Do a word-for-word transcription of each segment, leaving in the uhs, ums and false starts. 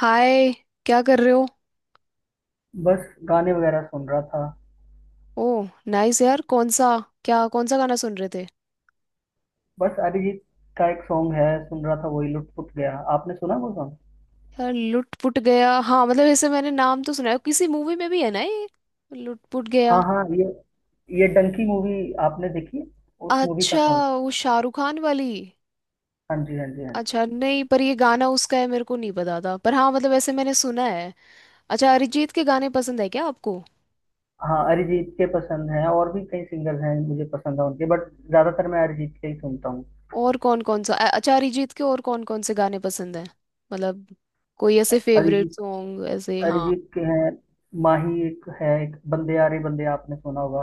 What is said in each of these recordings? हाय। क्या कर रहे हो? बस गाने वगैरह सुन रहा था। ओ, नाइस यार। कौन सा, क्या कौन सा गाना सुन रहे थे? बस अरिजीत का एक सॉन्ग है सुन रहा था, वही लुट पुट गया। आपने सुना वो सॉन्ग? यार लुट पुट गया। हाँ, मतलब ऐसे मैंने नाम तो सुना है, किसी मूवी में भी है ना ये लुट पुट गया। हाँ हाँ, ये ये डंकी मूवी आपने देखी? उस मूवी का अच्छा, सॉन्ग। वो शाहरुख खान वाली। हाँ जी हाँ जी हाँ जी। अच्छा, नहीं, पर ये गाना उसका है मेरे को नहीं पता था, पर हाँ मतलब ऐसे मैंने सुना है। अच्छा, अरिजीत के गाने पसंद है क्या आपको? हाँ, अरिजीत के पसंद हैं और भी कई सिंगर्स हैं मुझे पसंद है उनके, बट ज्यादातर मैं अरिजीत के ही सुनता हूँ। और कौन कौन सा अ- अच्छा, अरिजीत के और कौन कौन से गाने पसंद है? मतलब कोई ऐसे फेवरेट अरिजीत सॉन्ग, ऐसे। हाँ। अरिजीत के हैं। माही एक है, एक बंदे यारे बंदे आपने सुना होगा।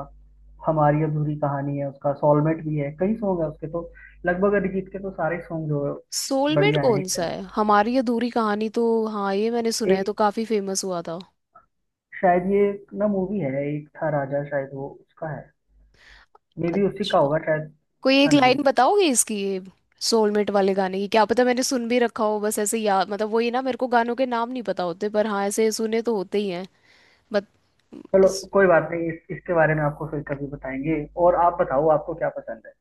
हमारी अधूरी कहानी है उसका, सॉलमेट भी है, कई सॉन्ग है उसके तो। लगभग अरिजीत के तो सारे सॉन्ग जो है, सोलमेट बढ़िया हैं, कौन सा हिट। है? हमारी अधूरी कहानी तो हाँ ये मैंने सुना है, एक, तो काफी फेमस हुआ था। शायद ये एक ना मूवी है एक था राजा, शायद वो उसका है। मे भी उसी का अच्छा, होगा शायद। कोई एक हाँ जी। लाइन बताओगे इसकी, ये सोलमेट वाले गाने की? क्या पता मैंने सुन भी रखा हो, बस ऐसे याद मतलब वही ना, मेरे को गानों के नाम नहीं पता होते, पर हाँ ऐसे सुने तो होते ही हैं। बट चलो इस- कोई बात नहीं, इस, इसके बारे में आपको फिर कभी बताएंगे। और आप बताओ, आपको क्या पसंद है?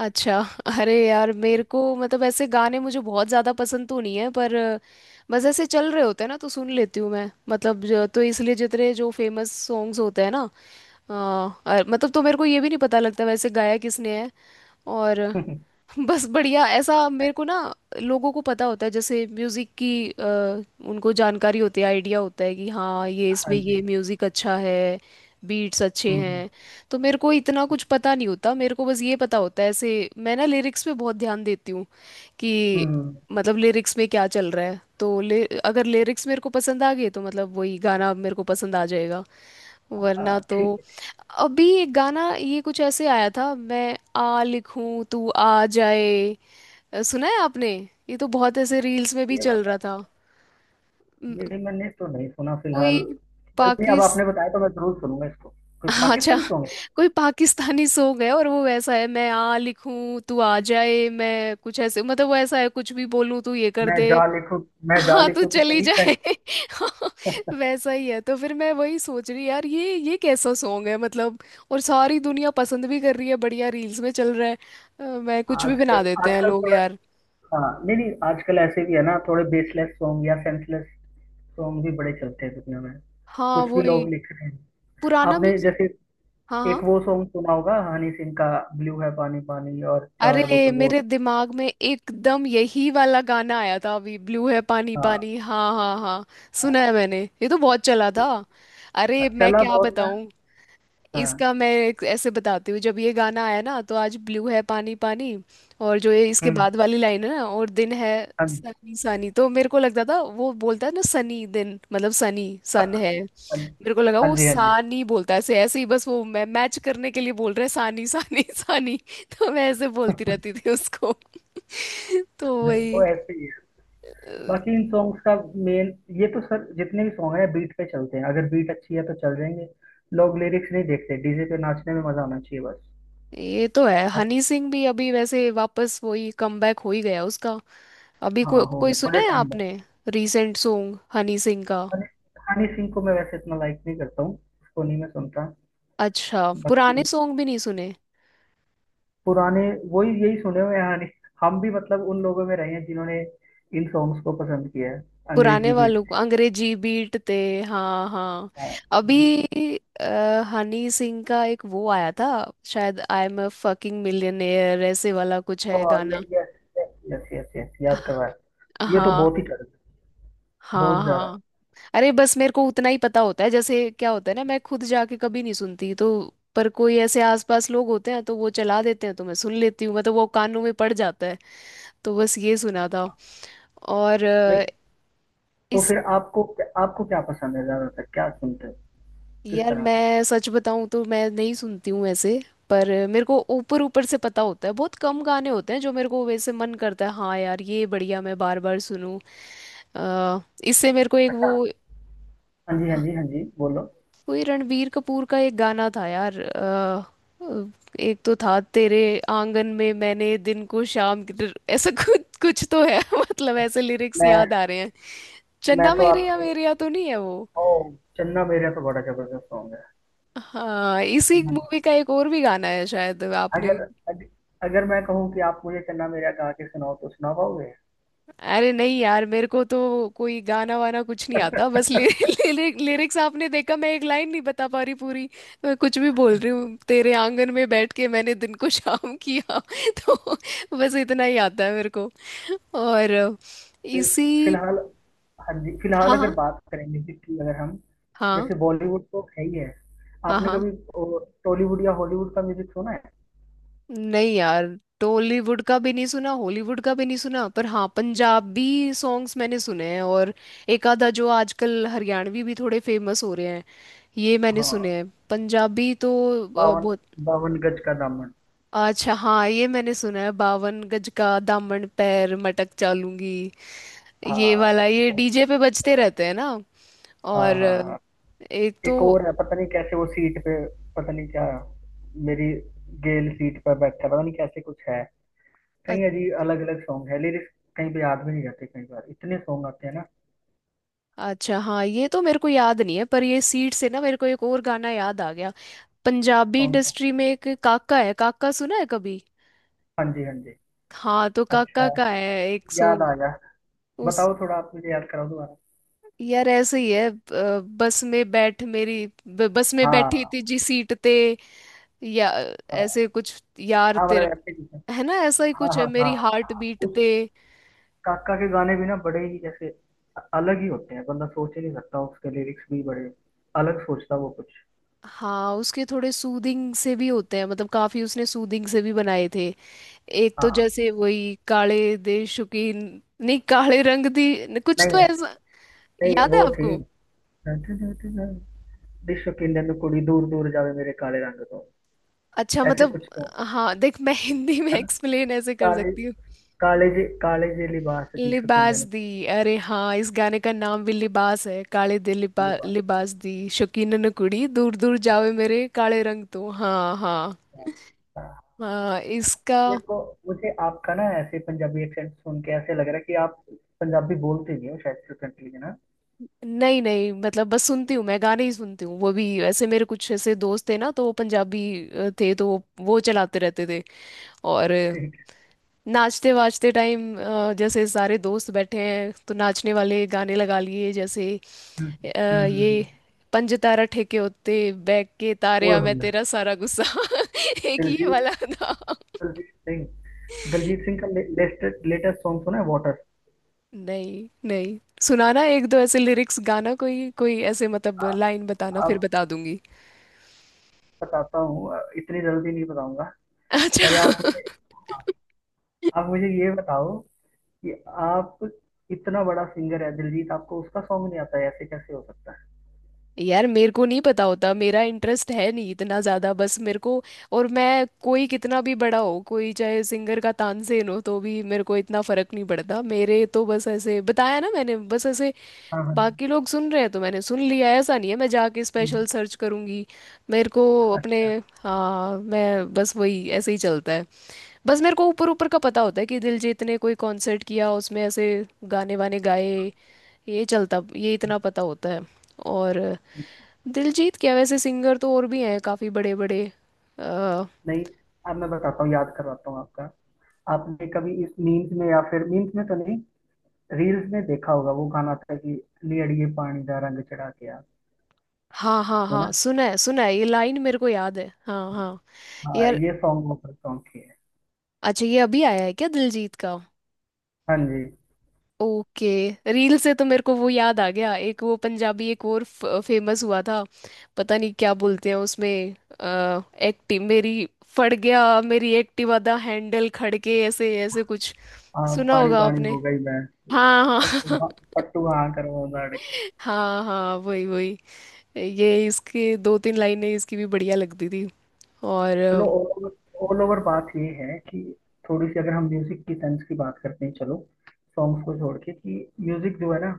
अच्छा। अरे यार मेरे को, मतलब ऐसे गाने मुझे बहुत ज़्यादा पसंद तो नहीं है, पर अ, बस ऐसे चल रहे होते हैं ना, तो सुन लेती हूँ मैं। मतलब जो- तो इसलिए जितने जो फेमस सॉन्ग्स होते हैं ना। हाँ, अ- मतलब तो मेरे को ये भी नहीं पता लगता वैसे गाया किसने है। और बस बढ़िया। ऐसा मेरे को ना, लोगों को पता होता है, जैसे म्यूजिक की अ, उनको जानकारी होती है, आइडिया होता है कि हाँ ये हाँ इसमें जी। ये म्यूजिक अच्छा है, बीट्स अच्छे हम्म हम्म। हैं। तो मेरे को इतना कुछ पता नहीं होता। मेरे को बस ये पता होता है ऐसे, मैं ना लिरिक्स पे बहुत ध्यान देती हूँ कि हम्म, हम्म, हम्म। मतलब लिरिक्स में क्या चल रहा है। तो ले, अगर लिरिक्स मेरे को पसंद आ गए तो मतलब वही गाना मेरे को पसंद आ जाएगा, वरना हाँ, तो। ठीक है, ठीक। अभी एक गाना ये कुछ ऐसे आया था, मैं आ लिखूं तू आ जाए। अ, सुना है आपने? ये तो बहुत ऐसे रील्स में भी है, ये चल बात रहा आप। था। म, ये मैंने तो नहीं सुना कोई फिलहाल। कोई नहीं, अब पाकिस आपने बताया तो मैं जरूर सुनूंगा इसको। कोई अच्छा, पाकिस्तानी सॉन्ग है? कोई पाकिस्तानी सॉन्ग है, और वो वैसा है, मैं आ लिखूं तू आ जाए, मैं कुछ ऐसे, मतलब वो ऐसा है कुछ भी बोलूं तू ये कर मैं दे। जा लिखूं, मैं जा हाँ तो लिखूं तो चली चली जाए। जाए वैसा ही है। तो फिर मैं वही सोच रही यार, ये ये कैसा सॉन्ग है मतलब, और सारी दुनिया पसंद भी कर रही है, बढ़िया रील्स में चल रहा है। अ, मैं, कुछ भी आजकल बना देते हैं आजकल लोग थोड़ा। यार। हाँ, नहीं नहीं, आजकल ऐसे भी है ना, थोड़े बेसलेस सॉन्ग या सेंसलेस सॉन्ग भी बड़े चलते हैं दुनिया में। हाँ कुछ भी वही, लोग लिख रहे हैं। पुराना आपने म्यूजिक। जैसे हाँ हाँ। एक वो सॉन्ग सुना होगा हनी सिंह का, ब्लू है पानी पानी और चार अरे, बोतल वोट। मेरे दिमाग में एकदम यही वाला गाना आया था अभी, ब्लू है पानी हाँ, पानी। हाँ हाँ हाँ, सुना है मैंने, ये तो बहुत चला था। अरे मैं चला क्या बहुत था, बताऊं, हाँ। इसका मैं एक ऐसे बताती हूँ, जब ये गाना आया ना तो आज ब्लू है पानी पानी, और जो ये इसके हम्म। बाद वाली लाइन है ना, और दिन है हाँ सनी सनी, तो मेरे को लगता था वो बोलता है ना सनी दिन, मतलब सनी सन है। हाँ मेरे को लगा हाँ वो जी हाँ जी। सानी बोलता है, ऐसे ऐसे ही, बस वो, मैं मैच करने के लिए बोल रहा है सानी सानी सानी। तो मैं ऐसे बोलती रहती थी उसको, तो नहीं, वो वही। ऐसे ही है। बाकी इन सॉन्ग्स का मेन, ये तो सर, जितने भी सॉन्ग है बीट पे चलते हैं, अगर बीट अच्छी है तो चल जाएंगे। लोग लिरिक्स नहीं देखते, डीजे पे नाचने में मजा आना चाहिए बस। ये तो है, हाँ, हनी सिंह भी अभी वैसे वापस वही कमबैक हो ही गया उसका। अभी को, हाँ, हो कोई गया सुना बड़े है टाइम बाद। आपने, रीसेंट सॉन्ग हनी सिंह का? हनी हनी सिंह को मैं वैसे इतना लाइक नहीं करता हूँ। उसको नहीं मैं सुनता। अच्छा, पुराने बाकी सॉन्ग भी नहीं सुने? पुराने, वही यही सुने हुए हैं हनी। हम भी मतलब उन लोगों में रहे हैं जिन्होंने इन सॉन्ग्स को पसंद किया है, पुराने अंग्रेजी बीट। वालों को अंग्रेजी बीट थे। हाँ हाँ। अभी अ, हनी सिंह का एक वो आया था, शायद I am uh fucking millionaire ऐसे वाला कुछ है गाना। यस, यस यस यस, याद करवाया। ये तो हाँ बहुत ही कड़क है, हाँ बहुत ज्यादा। हाँ, अरे बस मेरे को उतना ही पता होता है। जैसे क्या होता है ना, मैं खुद जाके कभी नहीं सुनती, तो पर कोई ऐसे आसपास लोग होते हैं तो वो चला देते हैं, तो मैं सुन लेती हूँ, मतलब वो कानों में पड़ जाता है। तो बस ये सुना था। और नहीं, अ, तो फिर आपको आपको क्या पसंद है, ज्यादातर क्या सुनते हो, किस यार तरह का? मैं सच बताऊं तो मैं नहीं सुनती हूँ ऐसे, पर मेरे को ऊपर ऊपर से पता होता है। बहुत कम गाने होते हैं जो मेरे को वैसे मन करता है, हाँ यार ये बढ़िया, मैं बार बार सुनूं। अ, इससे मेरे को एक वो। हाँ, हाँ जी हाँ हाँ, जी हाँ जी, बोलो। कोई रणबीर कपूर का एक गाना था यार, अ, अ, एक तो था, तेरे आंगन में मैंने दिन को शाम की तरह- ऐसा कुछ कुछ तो है मतलब ऐसे लिरिक्स याद मैं आ रहे हैं। मैं चन्ना तो मेरे या आपके, मेरे या तो नहीं है वो? ओ, चन्ना मेरा तो बड़ा जबरदस्त सॉन्ग हाँ, इसी है। मूवी का एक और भी गाना है शायद आपने। अगर अग, अगर मैं कहूँ कि आप मुझे चन्ना मेरा गा के सुनाओ तो सुना पाओगे? अरे नहीं यार, मेरे को तो कोई गाना वाना कुछ नहीं आता। बस ले, ले, लिरिक्स, आपने देखा मैं एक लाइन नहीं बता पा रही पूरी, तो मैं कुछ भी बोल रही हूँ, तेरे आंगन में बैठ के मैंने दिन को शाम किया तो बस इतना ही आता है मेरे को। और फिल इसी। फिलहाल, हाँ जी, फिलहाल हाँ अगर हाँ। बात करेंगे कि अगर हम, हाँ जैसे बॉलीवुड तो है ही है। हाँ आपने हाँ। कभी टॉलीवुड या हॉलीवुड का म्यूजिक सुना है? नहीं यार, टॉलीवुड का भी नहीं सुना, हॉलीवुड का भी नहीं सुना, पर हाँ पंजाबी सॉन्ग्स मैंने सुने हैं, और एक आधा जो आजकल हरियाणवी भी थोड़े फेमस हो रहे हैं, ये मैंने हाँ, सुने हैं। पंजाबी तो अ, हाँ बावन बहुत। बावन गज का दामन। अच्छा हाँ, ये मैंने सुना है, बावन गज का दामन पैर मटक चालूंगी, ये हाँ, वाला। ये बहुत डीजे पे बजते सारा। रहते हैं ना। हाँ और हाँ अ, हाँ। एक तो एक और है, पता नहीं कैसे वो सीट पे, पता नहीं क्या, मेरी गेल सीट पर बैठा है, पता नहीं कैसे कुछ है। अ- कई अजीब अलग अलग सॉन्ग है, लिरिक्स कहीं पे याद भी नहीं रहते कई बार, इतने सॉन्ग आते हैं ना। अच्छा हाँ, ये तो मेरे को याद नहीं है, पर ये सीट से ना मेरे को एक और गाना याद आ गया। पंजाबी कौन सा? इंडस्ट्री में एक काका है, काका सुना है कभी? हाँ जी हाँ जी। हाँ तो काका अच्छा, का है एक याद आ सॉन्ग, गया। उस। बताओ थोड़ा, आप मुझे याद कराओ दोबारा। यार ऐसे ही है, अ, बस में बैठ मेरी ब- बस में बैठी हाँ तुझी सीट ते, या हाँ ऐसे कुछ, यार हाँ, तेरा, मतलब ऐसे कुछ है। है ना, ऐसा ही हाँ कुछ है, हाँ हाँ। मेरी हार्ट हाँ। बीट उस ते। काका के गाने भी ना बड़े ही जैसे अ- अलग ही होते हैं, बंदा सोच ही नहीं सकता, उसके लिरिक्स भी बड़े अलग सोचता वो कुछ। हाँ, उसके थोड़े सूदिंग से भी होते हैं, मतलब काफी उसने सूदिंग से भी बनाए थे। एक तो हाँ, जैसे वही काले दे शौकीन, नहीं काले रंग दी न- कुछ नहीं तो ऐसा, नहीं, याद है वो थी, आपको? विश्व की नन्ही कुड़ी दूर दूर जावे मेरे काले रंग तो, अच्छा, ऐसे मतलब कुछ तो हाँ देख, मैं हिंदी में है ना। एक्सप्लेन ऐसे कर ಕಾಲೇಜ್ सकती हूँ, ಕಾಲೇಜಿ ಕಾಲೇಜಿಯಲ್ಲಿ ಭಾಷा लिबास किंडन दी। अरे हाँ, इस गाने का नाम भी लिबास है, काले दिल लिबा, की भाषा। लिबास दी शौकीन न कुड़ी दूर दूर जावे मेरे काले रंग तो, हाँ हाँ। हाँ इसका। अच्छा, मेरे को, मुझे आपका ना ऐसे पंजाबी एक्सेंट सुन के ऐसे लग रहा है कि आप पंजाबी बोलते नहीं हो शायद फ्लुएंटली, है ना? नहीं नहीं, मतलब बस सुनती हूँ मैं, गाने ही सुनती हूँ वो भी, ऐसे मेरे कुछ ऐसे दोस्त थे ना, तो वो पंजाबी अ, थे, तो वो वो चलाते रहते थे। और अ, ठीक है। नाचते वाचते टाइम, जैसे सारे दोस्त बैठे हैं तो नाचने वाले गाने लगा लिए जैसे। हम्म अ, हम्म, हम्म, ये हम्म। पंज तारा ठेके होते, बैग के तारे वो आ मैं हमने, तेरा सारा गुस्सा एक ये दिलजीत वाला था। दिलजीत सिंह, दिलजीत सिंह का लेटेस्ट लेटेस्ट सॉन्ग सुना है, वाटर? नहीं नहीं, सुनाना एक दो ऐसे लिरिक्स, गाना कोई कोई ऐसे, मतलब लाइन बताना फिर अब बता दूंगी। बताता हूँ, अ, इतनी जल्दी नहीं बताऊंगा। पहले अच्छा, आप मुझे आप मुझे ये बताओ कि, आप, इतना बड़ा सिंगर है दिलजीत, आपको उसका सॉन्ग नहीं आता है, ऐसे कैसे हो सकता है? यार मेरे को नहीं पता होता, मेरा इंटरेस्ट है नहीं इतना ज़्यादा, बस मेरे को। और मैं, कोई कितना भी बड़ा हो, कोई चाहे सिंगर का तानसेन हो, तो भी मेरे को इतना फर्क नहीं पड़ता। मेरे तो बस, ऐसे बताया ना मैंने, बस ऐसे हाँ हाँ, बाकी लोग सुन रहे हैं तो मैंने सुन लिया। ऐसा नहीं है मैं जाके स्पेशल सर्च करूंगी मेरे को अच्छा, अपने। हाँ, मैं बस वही, ऐसे ही चलता है। बस मेरे को ऊपर ऊपर का पता होता है कि दिलजीत ने कोई कॉन्सर्ट किया, उसमें ऐसे गाने वाने गाए, ये चलता, ये इतना पता होता है। और दिलजीत क्या, वैसे सिंगर तो और भी हैं, काफ़ी बड़े बड़े। आ, नहीं, अब मैं बताता हूँ, याद करवाता हूँ आपका। आपने कभी इस मीम्स में, या फिर मीम्स में तो नहीं, रील्स में देखा होगा वो गाना था कि नी अड़िए पानी दा रंग चढ़ा के आ। हाँ हाँ तो हाँ, ना, सुना है सुना है, ये लाइन मेरे को याद है, हाँ हाँ। हाँ, यार, ये सॉन्ग वो सॉन्ग की है। अच्छा ये अभी आया है क्या दिलजीत का? हाँ जी। ओके। रील से तो मेरे को वो याद आ गया, एक वो पंजाबी, एक और फेमस हुआ था, पता नहीं क्या बोलते हैं उसमें, आ, एक्टिव मेरी, फट गया मेरी एक्टिव आधा हैंडल खड़के, ऐसे ऐसे कुछ। हाँ, सुना पानी होगा पानी आपने? हो गई मैं। हाँ पट्टू हाँ हाँ, पट्टू हाँ करवा दाड़ के। हाँ हाँ वही वही। ये इसके दो तीन लाइनें इसकी भी बढ़िया लगती थी। और चलो, अ, ऑल ओवर ओवर बात ये है कि, थोड़ी सी अगर हम म्यूजिक की सेंस की बात करते हैं, चलो सॉन्ग्स को छोड़ के कि, म्यूजिक जो है ना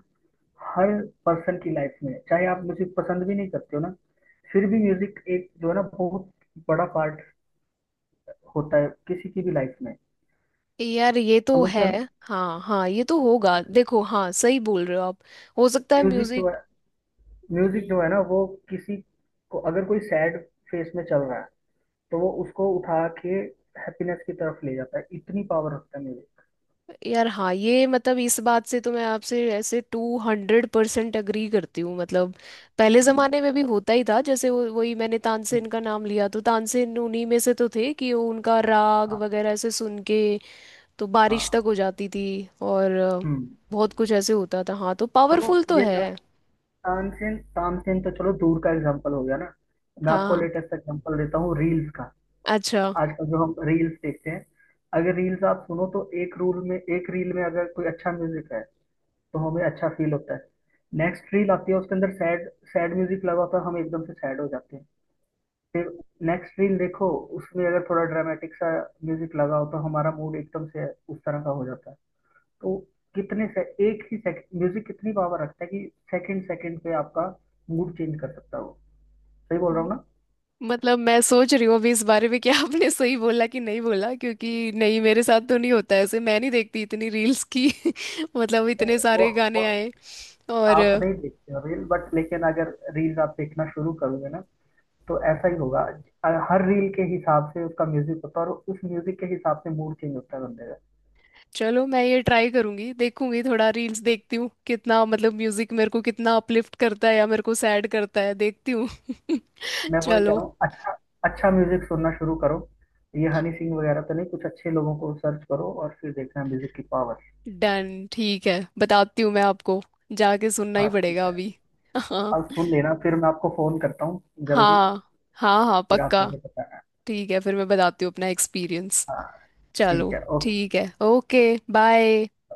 हर पर्सन की लाइफ में है। चाहे आप म्यूजिक पसंद भी नहीं करते हो ना, फिर भी म्यूजिक एक जो है ना, बहुत बड़ा पार्ट होता है किसी की भी लाइफ में, यार ये तो समझते है। हो ना। हाँ हाँ ये तो होगा, देखो हाँ सही बोल रहे हो आप, हो सकता है म्यूजिक जो है म्यूजिक। म्यूजिक जो है ना, वो किसी को अगर कोई सैड फेस में चल रहा है, तो वो उसको उठा के हैप्पीनेस की तरफ ले जाता है, इतनी पावर रखता है यार हाँ, ये मतलब इस बात से तो मैं आपसे ऐसे टू हंड्रेड परसेंट अग्री करती हूँ। मतलब पहले म्यूजिक। ज़माने में भी होता ही था, जैसे वो, वही मैंने तानसेन का नाम लिया, तो तानसेन उन्हीं में से तो थे कि वो उनका राग हाँ वगैरह ऐसे सुन के तो बारिश तक हाँ। हो जाती थी। और अ, हम्म। बहुत कुछ ऐसे होता था, हाँ तो चलो, पावरफुल तो ये है। था तानसेन, तानसेन तो चलो दूर का एग्जांपल हो गया ना। मैं आपको हाँ। लेटेस्ट एग्जांपल देता हूँ, रील्स का। अच्छा, आजकल जो हम रील्स देखते हैं, अगर रील्स आप सुनो तो, एक रूल में, एक रील में अगर कोई अच्छा म्यूजिक है, तो हमें अच्छा फील होता है। नेक्स्ट रील आती है, उसके अंदर सैड सैड म्यूजिक लगा होता है, हम एकदम से सैड हो जाते हैं। फिर नेक्स्ट रील देखो, उसमें अगर थोड़ा ड्रामेटिक सा म्यूजिक लगा हो, तो हमारा मूड एकदम से उस तरह का हो जाता है। तो कितने से, एक ही सेकंड म्यूजिक कितनी पावर रखता है कि सेकंड सेकंड पे आपका मूड चेंज कर सकता हो। सही बोल रहा हूँ ना? मतलब मैं सोच रही हूँ अभी इस बारे में कि आपने सही बोला कि नहीं बोला, क्योंकि नहीं, मेरे साथ तो नहीं होता ऐसे, मैं नहीं देखती इतनी रील्स की मतलब इतने नहीं, वो, सारे वो गाने आए। और आप नहीं देखते हो रील, बट लेकिन अगर रील आप देखना शुरू करोगे ना, तो ऐसा ही होगा। हर रील के हिसाब से उसका म्यूजिक होता है और उस म्यूजिक के हिसाब से मूड चेंज होता है बंदे का। चलो मैं ये ट्राई करूंगी, देखूंगी थोड़ा रील्स देखती हूँ, कितना मतलब म्यूजिक मेरे को कितना अपलिफ्ट करता है या मेरे को सैड करता है देखती हूँ मैं वही कह चलो, रहा हूँ। अच्छा, अच्छा म्यूजिक सुनना शुरू करो, ये हनी सिंह वगैरह तो नहीं, कुछ अच्छे लोगों को सर्च करो और फिर देखना म्यूजिक की पावर। डन, ठीक है, बताती हूँ मैं आपको, जाके सुनना ही हाँ ठीक पड़ेगा है, अभी। हाँ, आप सुन लेना फिर मैं आपको फोन करता हूँ जल्दी। हाँ हाँ हाँ फिर आप पक्का। मुझे बताना। ठीक है, फिर मैं बताती हूँ अपना एक्सपीरियंस। हाँ ठीक चलो, है, ओके। ठीक है, ओके। बाय।